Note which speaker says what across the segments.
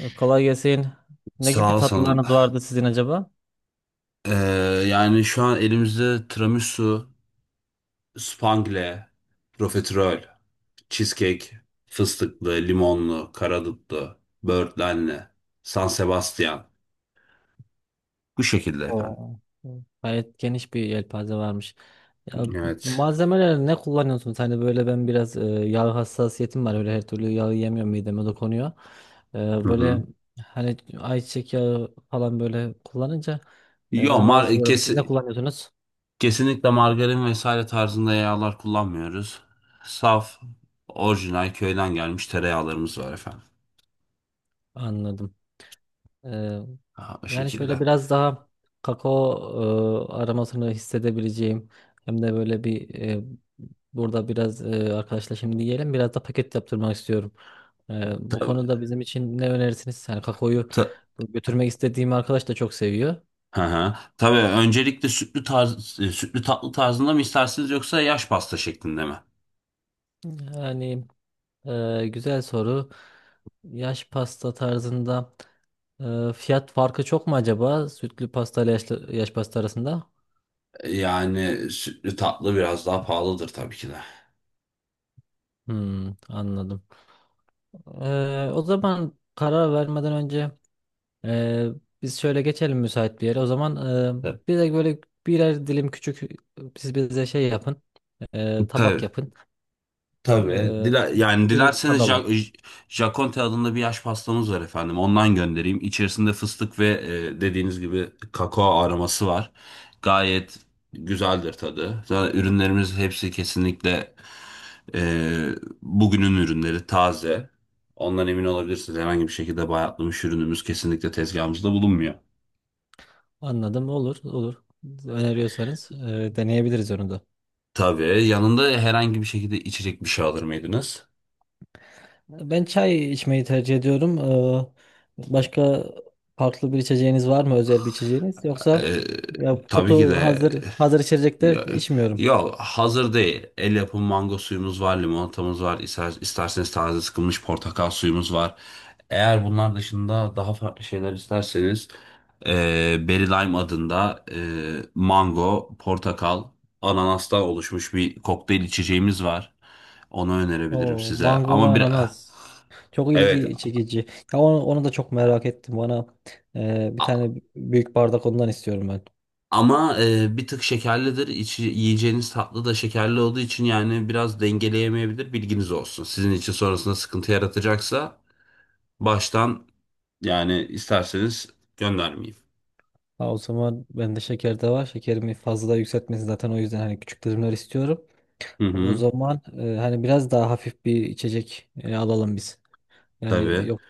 Speaker 1: Kolay gelsin. Ne gibi
Speaker 2: Sağ ol sana.
Speaker 1: tatlılarınız vardı sizin acaba?
Speaker 2: Ee, Yani şu an elimizde tiramisu, spangle, profiterol, cheesecake, fıstıklı, limonlu, karadutlu, böğürtlenli, San Sebastian. Bu şekilde efendim.
Speaker 1: Oo. Gayet geniş bir yelpaze varmış. Ya,
Speaker 2: Evet.
Speaker 1: malzemeler ne kullanıyorsunuz? Hani böyle ben biraz yağ hassasiyetim var. Öyle her türlü yağı yemiyorum, mideme dokunuyor. Ee,
Speaker 2: Hı hı.
Speaker 1: Böyle hani ayçiçek yağı falan böyle kullanınca
Speaker 2: Yo,
Speaker 1: ben rahatsız oluyorum. Siz ne kullanıyorsunuz?
Speaker 2: kesinlikle margarin vesaire tarzında yağlar kullanmıyoruz. Saf, orijinal köyden gelmiş tereyağlarımız var efendim.
Speaker 1: Anladım. Ee,
Speaker 2: Ha, bu
Speaker 1: Yani şöyle
Speaker 2: şekilde.
Speaker 1: biraz daha kakao aromasını hissedebileceğim, hem de böyle burada biraz arkadaşla şimdi yiyelim, biraz da paket yaptırmak istiyorum. Bu
Speaker 2: Tabii,
Speaker 1: konuda bizim için ne önerirsiniz? Yani kakaoyu
Speaker 2: ta-
Speaker 1: götürmek istediğim arkadaş da çok seviyor.
Speaker 2: Hı hı. Tabii öncelikle sütlü tatlı tarzında mı istersiniz yoksa yaş pasta şeklinde mi?
Speaker 1: Yani, güzel soru. Yaş pasta tarzında fiyat farkı çok mu acaba? Sütlü pasta ile yaş pasta arasında?
Speaker 2: Yani sütlü tatlı biraz daha pahalıdır tabii ki de.
Speaker 1: Hmm, anladım. O zaman karar vermeden önce e, biz şöyle geçelim müsait bir yere. O zaman
Speaker 2: Evet.
Speaker 1: bize böyle birer dilim küçük, siz bize şey yapın, tabak
Speaker 2: Tabii.
Speaker 1: yapın,
Speaker 2: Tabii.
Speaker 1: e,
Speaker 2: Yani
Speaker 1: bir
Speaker 2: dilerseniz
Speaker 1: tadalım.
Speaker 2: Jaconte adında bir yaş pastamız var efendim. Ondan göndereyim. İçerisinde fıstık ve dediğiniz gibi kakao aroması var. Gayet güzeldir tadı. Zaten ürünlerimiz hepsi kesinlikle e, bugünün ürünleri, taze. Ondan emin olabilirsiniz. Herhangi bir şekilde bayatlamış ürünümüz kesinlikle tezgahımızda bulunmuyor.
Speaker 1: Anladım, olur, olur. Öneriyorsanız deneyebiliriz onu da.
Speaker 2: Tabii. Yanında herhangi bir şekilde içecek bir şey alır mıydınız?
Speaker 1: Ben çay içmeyi tercih ediyorum. Başka farklı bir içeceğiniz var mı, özel bir içeceğiniz? Yoksa
Speaker 2: E,
Speaker 1: ya,
Speaker 2: tabii ki
Speaker 1: kutu
Speaker 2: de.
Speaker 1: hazır içecekler
Speaker 2: Ya,
Speaker 1: içmiyorum.
Speaker 2: yok, hazır değil. El yapımı mango suyumuz var, limonatamız var. İster, isterseniz taze sıkılmış portakal suyumuz var. Eğer bunlar dışında daha farklı şeyler isterseniz e, Berry Lime adında mango, portakal, ananastan oluşmuş bir kokteyl içeceğimiz var. Onu önerebilirim
Speaker 1: O
Speaker 2: size.
Speaker 1: mango ve
Speaker 2: Ama bir
Speaker 1: ananas. Çok
Speaker 2: evet.
Speaker 1: ilgi çekici. Ya onu da çok merak ettim. Bana bir tane büyük bardak ondan istiyorum ben.
Speaker 2: Ama bir tık şekerlidir. İçi, yiyeceğiniz tatlı da şekerli olduğu için yani biraz dengeleyemeyebilir. Bilginiz olsun. Sizin için sonrasında sıkıntı yaratacaksa baştan yani isterseniz göndermeyeyim.
Speaker 1: Ha, o zaman bende şeker de var. Şekerimi fazla yükseltmesin zaten, o yüzden hani küçük dilimler istiyorum.
Speaker 2: Hı
Speaker 1: O
Speaker 2: hı,
Speaker 1: zaman hani biraz daha hafif bir içecek alalım biz. Yani,
Speaker 2: tabii.
Speaker 1: yok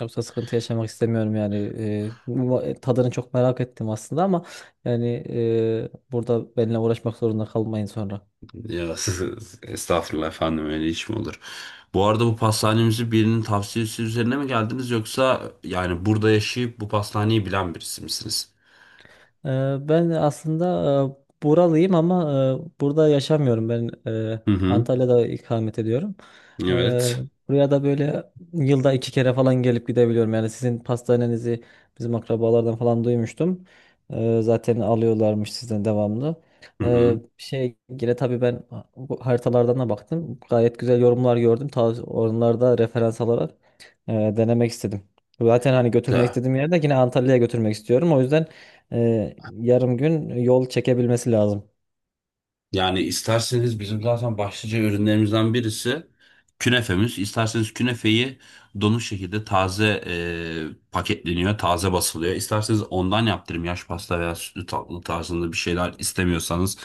Speaker 1: yoksa sıkıntı yaşamak istemiyorum yani. Tadını çok merak ettim aslında, ama yani burada benimle uğraşmak zorunda kalmayın sonra.
Speaker 2: Ya, estağfurullah efendim, öyle iş mi olur? Bu arada bu pastanemizi birinin tavsiyesi üzerine mi geldiniz, yoksa yani burada yaşayıp bu pastaneyi bilen birisi misiniz?
Speaker 1: Ben aslında buralıyım, ama burada yaşamıyorum. Ben e,
Speaker 2: Hı hı,
Speaker 1: Antalya'da ikamet ediyorum. Ee,
Speaker 2: evet.
Speaker 1: Buraya da böyle yılda 2 kere falan gelip gidebiliyorum. Yani sizin pastanenizi bizim akrabalardan falan duymuştum. Zaten alıyorlarmış sizden devamlı.
Speaker 2: Hı hı.
Speaker 1: Yine tabii ben bu haritalardan da baktım. Gayet güzel yorumlar gördüm. Ta onlarda referans alarak denemek istedim. Zaten hani götürmek
Speaker 2: Da.
Speaker 1: istediğim yerde, yine Antalya'ya götürmek istiyorum. O yüzden yarım gün yol çekebilmesi lazım.
Speaker 2: Yani isterseniz bizim zaten başlıca ürünlerimizden birisi künefemiz. İsterseniz künefeyi donuk şekilde taze paketleniyor, taze basılıyor. İsterseniz ondan yaptırım. Yaş pasta veya sütlü tatlı tarzında bir şeyler istemiyorsanız,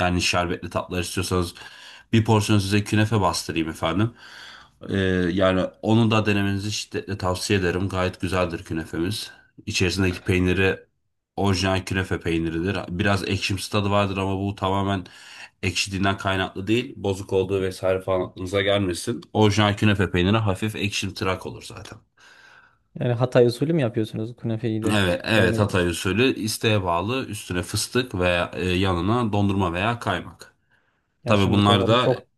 Speaker 2: yani şerbetli tatlılar istiyorsanız bir porsiyon size künefe bastırayım efendim. E, Yani onu da denemenizi şiddetle tavsiye ederim. Gayet güzeldir künefemiz. İçerisindeki peyniri orijinal künefe peyniridir. Biraz ekşimsi tadı vardır, ama bu tamamen ekşidiğinden kaynaklı değil, bozuk olduğu vesaire falan aklınıza gelmesin. Orijinal künefe peyniri hafif ekşimtırak olur zaten.
Speaker 1: Yani Hatay usulü mü yapıyorsunuz künefeyi de?
Speaker 2: Evet, evet,
Speaker 1: Yani,
Speaker 2: Hatay usulü, isteğe bağlı üstüne fıstık veya yanına dondurma veya kaymak.
Speaker 1: ya
Speaker 2: Tabii
Speaker 1: şimdi
Speaker 2: bunlar
Speaker 1: kafam
Speaker 2: da
Speaker 1: çok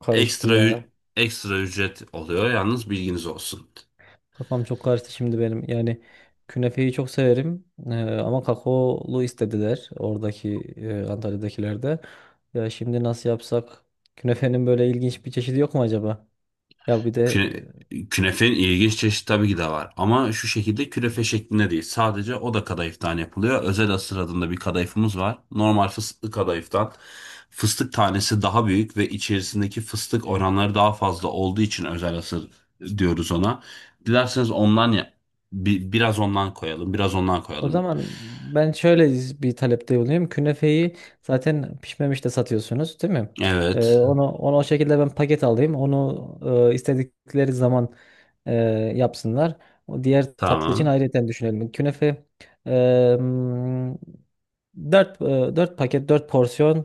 Speaker 1: karıştı
Speaker 2: ekstra ü-
Speaker 1: ya.
Speaker 2: ekstra ücret oluyor, yalnız bilginiz olsun.
Speaker 1: Kafam çok karıştı şimdi benim. Yani künefeyi çok severim. Ee, Ama kakaolu istediler oradaki Antalya'dakiler de. Ya şimdi nasıl yapsak? Künefenin böyle ilginç bir çeşidi yok mu acaba? Ya bir de,
Speaker 2: Küne, künefenin ilginç çeşit tabii ki de var. Ama şu şekilde künefe şeklinde değil. Sadece o da kadayıftan yapılıyor. Özel asır adında bir kadayıfımız var. Normal fıstıklı kadayıftan. Fıstık tanesi daha büyük ve içerisindeki fıstık oranları daha fazla olduğu için özel asır diyoruz ona. Dilerseniz ondan ya biraz ondan koyalım, biraz ondan
Speaker 1: o
Speaker 2: koyalım.
Speaker 1: zaman ben şöyle bir talepte bulunayım. Künefeyi zaten pişmemiş de satıyorsunuz, değil mi?
Speaker 2: Evet,
Speaker 1: Onu o şekilde ben paket alayım. Onu istedikleri zaman e, yapsınlar. O diğer tatlı için
Speaker 2: tamam.
Speaker 1: ayrıca düşünelim. Künefe e, 4 4 paket, 4 porsiyon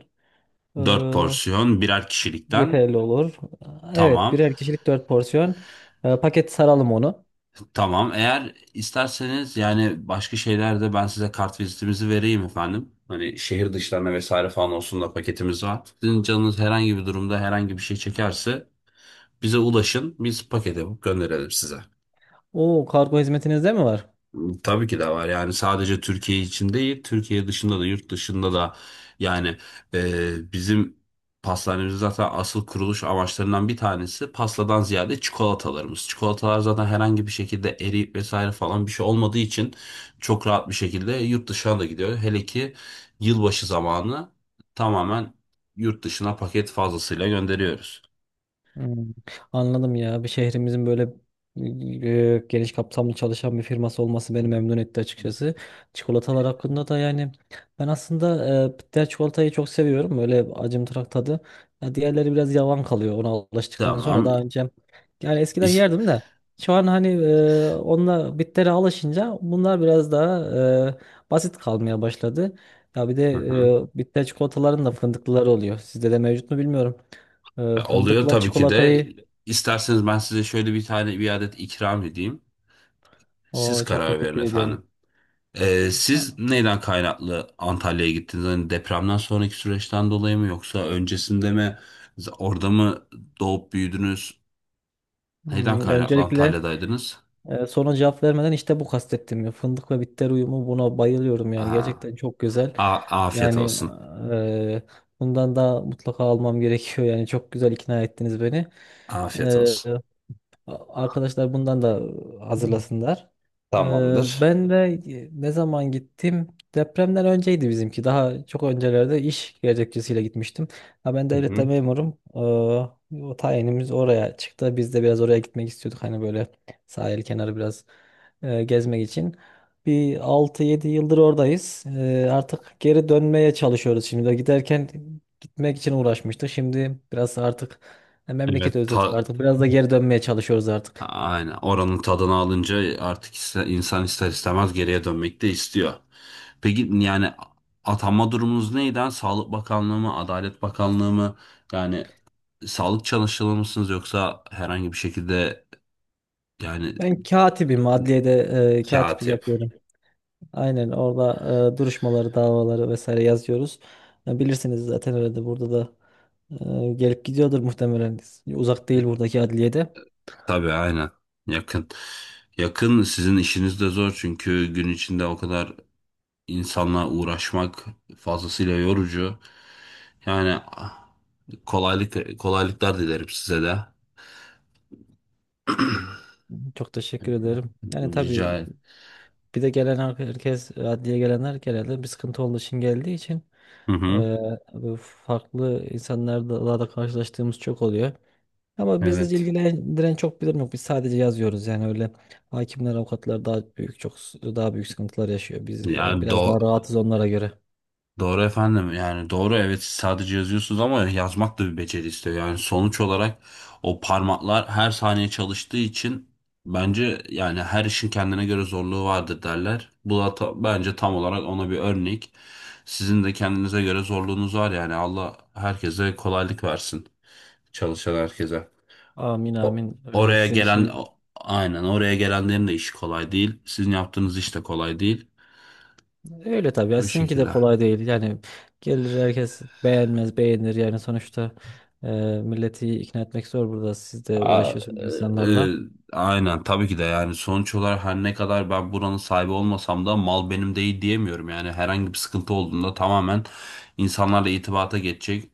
Speaker 1: e,
Speaker 2: Dört porsiyon birer kişilikten.
Speaker 1: yeterli olur. Evet,
Speaker 2: Tamam.
Speaker 1: birer kişilik 4 porsiyon. Paket saralım onu.
Speaker 2: Tamam. Eğer isterseniz yani başka şeylerde ben size kart vizitimizi vereyim efendim. Hani şehir dışlarına vesaire falan olsun da, paketimiz var. Sizin canınız herhangi bir durumda herhangi bir şey çekerse bize ulaşın. Biz paket yapıp gönderelim size.
Speaker 1: Oo, kargo hizmetinizde mi var?
Speaker 2: Tabii ki de var. Yani sadece Türkiye için değil, Türkiye dışında da, yurt dışında da, yani bizim pastanemizin zaten asıl kuruluş amaçlarından bir tanesi pastadan ziyade çikolatalarımız. Çikolatalar zaten herhangi bir şekilde eriyip vesaire falan bir şey olmadığı için çok rahat bir şekilde yurt dışına da gidiyor. Hele ki yılbaşı zamanı tamamen yurt dışına paket fazlasıyla gönderiyoruz.
Speaker 1: Hmm, anladım ya. Bir şehrimizin böyle geniş kapsamlı çalışan bir firması olması beni memnun etti açıkçası. Çikolatalar hakkında da yani, ben aslında bitter çikolatayı çok seviyorum. Böyle acımtırak tadı. Ya diğerleri biraz yavan kalıyor ona alıştıktan sonra.
Speaker 2: Tamam.
Speaker 1: Daha önce, yani eskiden
Speaker 2: İş...
Speaker 1: yerdim de, şu an hani onunla, bittere alışınca bunlar biraz daha basit kalmaya başladı. Ya bir de, bitter çikolataların da fındıklıları oluyor. Sizde de mevcut mu bilmiyorum.
Speaker 2: Oluyor
Speaker 1: Fındıkla
Speaker 2: tabii ki de.
Speaker 1: çikolatayı,
Speaker 2: İsterseniz ben size şöyle bir tane bir adet ikram edeyim. Siz
Speaker 1: o, çok
Speaker 2: karar verin
Speaker 1: teşekkür ediyorum.
Speaker 2: efendim.
Speaker 1: Ha,
Speaker 2: Siz neyden kaynaklı Antalya'ya gittiniz? Hani depremden sonraki süreçten dolayı mı, yoksa öncesinde mi? Orada mı doğup büyüdünüz? Neyden
Speaker 1: hmm,
Speaker 2: kaynaklı
Speaker 1: öncelikle
Speaker 2: Antalya'daydınız?
Speaker 1: soruna cevap vermeden, işte bu kastettim ya. Fındık ve bitter uyumu, buna bayılıyorum yani.
Speaker 2: Aha.
Speaker 1: Gerçekten çok güzel.
Speaker 2: A- Afiyet
Speaker 1: Yani
Speaker 2: olsun.
Speaker 1: e, bundan da mutlaka almam gerekiyor. Yani çok güzel ikna ettiniz beni.
Speaker 2: Afiyet
Speaker 1: E,
Speaker 2: olsun.
Speaker 1: Arkadaşlar bundan da hazırlasınlar. Ee,
Speaker 2: Tamamdır.
Speaker 1: Ben de, ne zaman gittim? Depremden önceydi bizimki. Daha çok öncelerde iş gerekçesiyle gitmiştim. Ha, ben
Speaker 2: Hı
Speaker 1: devlette
Speaker 2: hı.
Speaker 1: memurum. O tayinimiz oraya çıktı. Biz de biraz oraya gitmek istiyorduk, hani böyle sahil kenarı biraz gezmek için. Bir 6-7 yıldır oradayız. Artık geri dönmeye çalışıyoruz şimdi. De giderken gitmek için uğraşmıştık. Şimdi biraz artık, ya memleketi
Speaker 2: Evet,
Speaker 1: özledik artık. Biraz da geri dönmeye çalışıyoruz artık.
Speaker 2: aynen oranın tadını alınca artık insan ister istemez geriye dönmek de istiyor. Peki yani atanma durumunuz neydi, ha? Sağlık Bakanlığı mı, Adalet Bakanlığı mı? Yani sağlık çalışanı mısınız, yoksa herhangi bir şekilde yani.
Speaker 1: Ben katibim. Adliyede katiplik
Speaker 2: Katip.
Speaker 1: yapıyorum. Aynen orada duruşmaları, davaları vesaire yazıyoruz. Ya bilirsiniz zaten, öyle de burada da gelip gidiyordur muhtemelen. Uzak değil buradaki adliyede.
Speaker 2: Tabii, aynen. Yakın. Yakın. Sizin işiniz de zor, çünkü gün içinde o kadar insanla uğraşmak fazlasıyla yorucu. Yani kolaylık, kolaylıklar dilerim size de.
Speaker 1: Çok teşekkür ederim. Yani
Speaker 2: Rica
Speaker 1: tabii,
Speaker 2: ederim.
Speaker 1: bir de gelen herkes, adliye gelenler genelde bir sıkıntı olduğu için geldiği için
Speaker 2: Hı hı.
Speaker 1: e, farklı insanlarla da karşılaştığımız çok oluyor. Ama bizi
Speaker 2: Evet.
Speaker 1: ilgilendiren çok bir durum yok. Biz sadece yazıyoruz, yani öyle. Hakimler, avukatlar daha büyük çok daha büyük sıkıntılar yaşıyor. Biz
Speaker 2: Yani
Speaker 1: biraz daha rahatız onlara göre.
Speaker 2: doğru efendim, yani doğru, evet, siz sadece yazıyorsunuz ama yazmak da bir beceri istiyor. Yani sonuç olarak, o parmaklar her saniye çalıştığı için, bence yani her işin kendine göre zorluğu vardır derler. Bu da bence tam olarak ona bir örnek. Sizin de kendinize göre zorluğunuz var yani. Allah herkese kolaylık versin, çalışan herkese.
Speaker 1: Amin
Speaker 2: O,
Speaker 1: amin, öyle. Sizin işiniz
Speaker 2: aynen, oraya gelenlerin de işi kolay değil. Sizin yaptığınız iş de kolay değil.
Speaker 1: öyle tabii ya,
Speaker 2: Bu
Speaker 1: sizinki de
Speaker 2: şekilde.
Speaker 1: kolay değil yani. Gelir herkes, beğenmez beğenir yani, sonuçta e, milleti ikna etmek zor, burada siz de
Speaker 2: A- e,
Speaker 1: uğraşıyorsunuz
Speaker 2: e,
Speaker 1: insanlarla.
Speaker 2: aynen tabii ki de. Yani sonuç olarak, her ne kadar ben buranın sahibi olmasam da, mal benim değil diyemiyorum. Yani herhangi bir sıkıntı olduğunda tamamen insanlarla irtibata geçecek,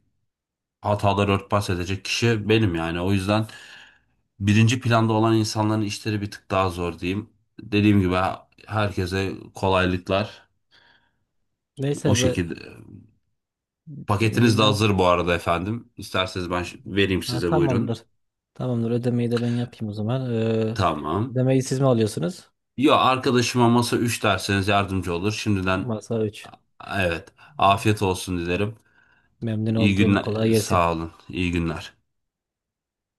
Speaker 2: hataları örtbas edecek kişi benim yani. O yüzden birinci planda olan insanların işleri bir tık daha zor diyeyim. Dediğim gibi, herkese kolaylıklar o
Speaker 1: Neyse,
Speaker 2: şekilde. Paketiniz de
Speaker 1: ben,
Speaker 2: hazır bu arada efendim. İsterseniz ben vereyim
Speaker 1: ha,
Speaker 2: size, buyurun.
Speaker 1: tamamdır, tamamdır, ödemeyi de ben yapayım o zaman.
Speaker 2: Tamam.
Speaker 1: Ödemeyi siz mi alıyorsunuz?
Speaker 2: Ya, arkadaşıma masa 3 derseniz yardımcı olur. Şimdiden
Speaker 1: Masa 3.
Speaker 2: evet, afiyet olsun dilerim.
Speaker 1: Memnun
Speaker 2: İyi
Speaker 1: olduğumu,
Speaker 2: günler,
Speaker 1: kolay gelsin.
Speaker 2: sağ olun. İyi günler.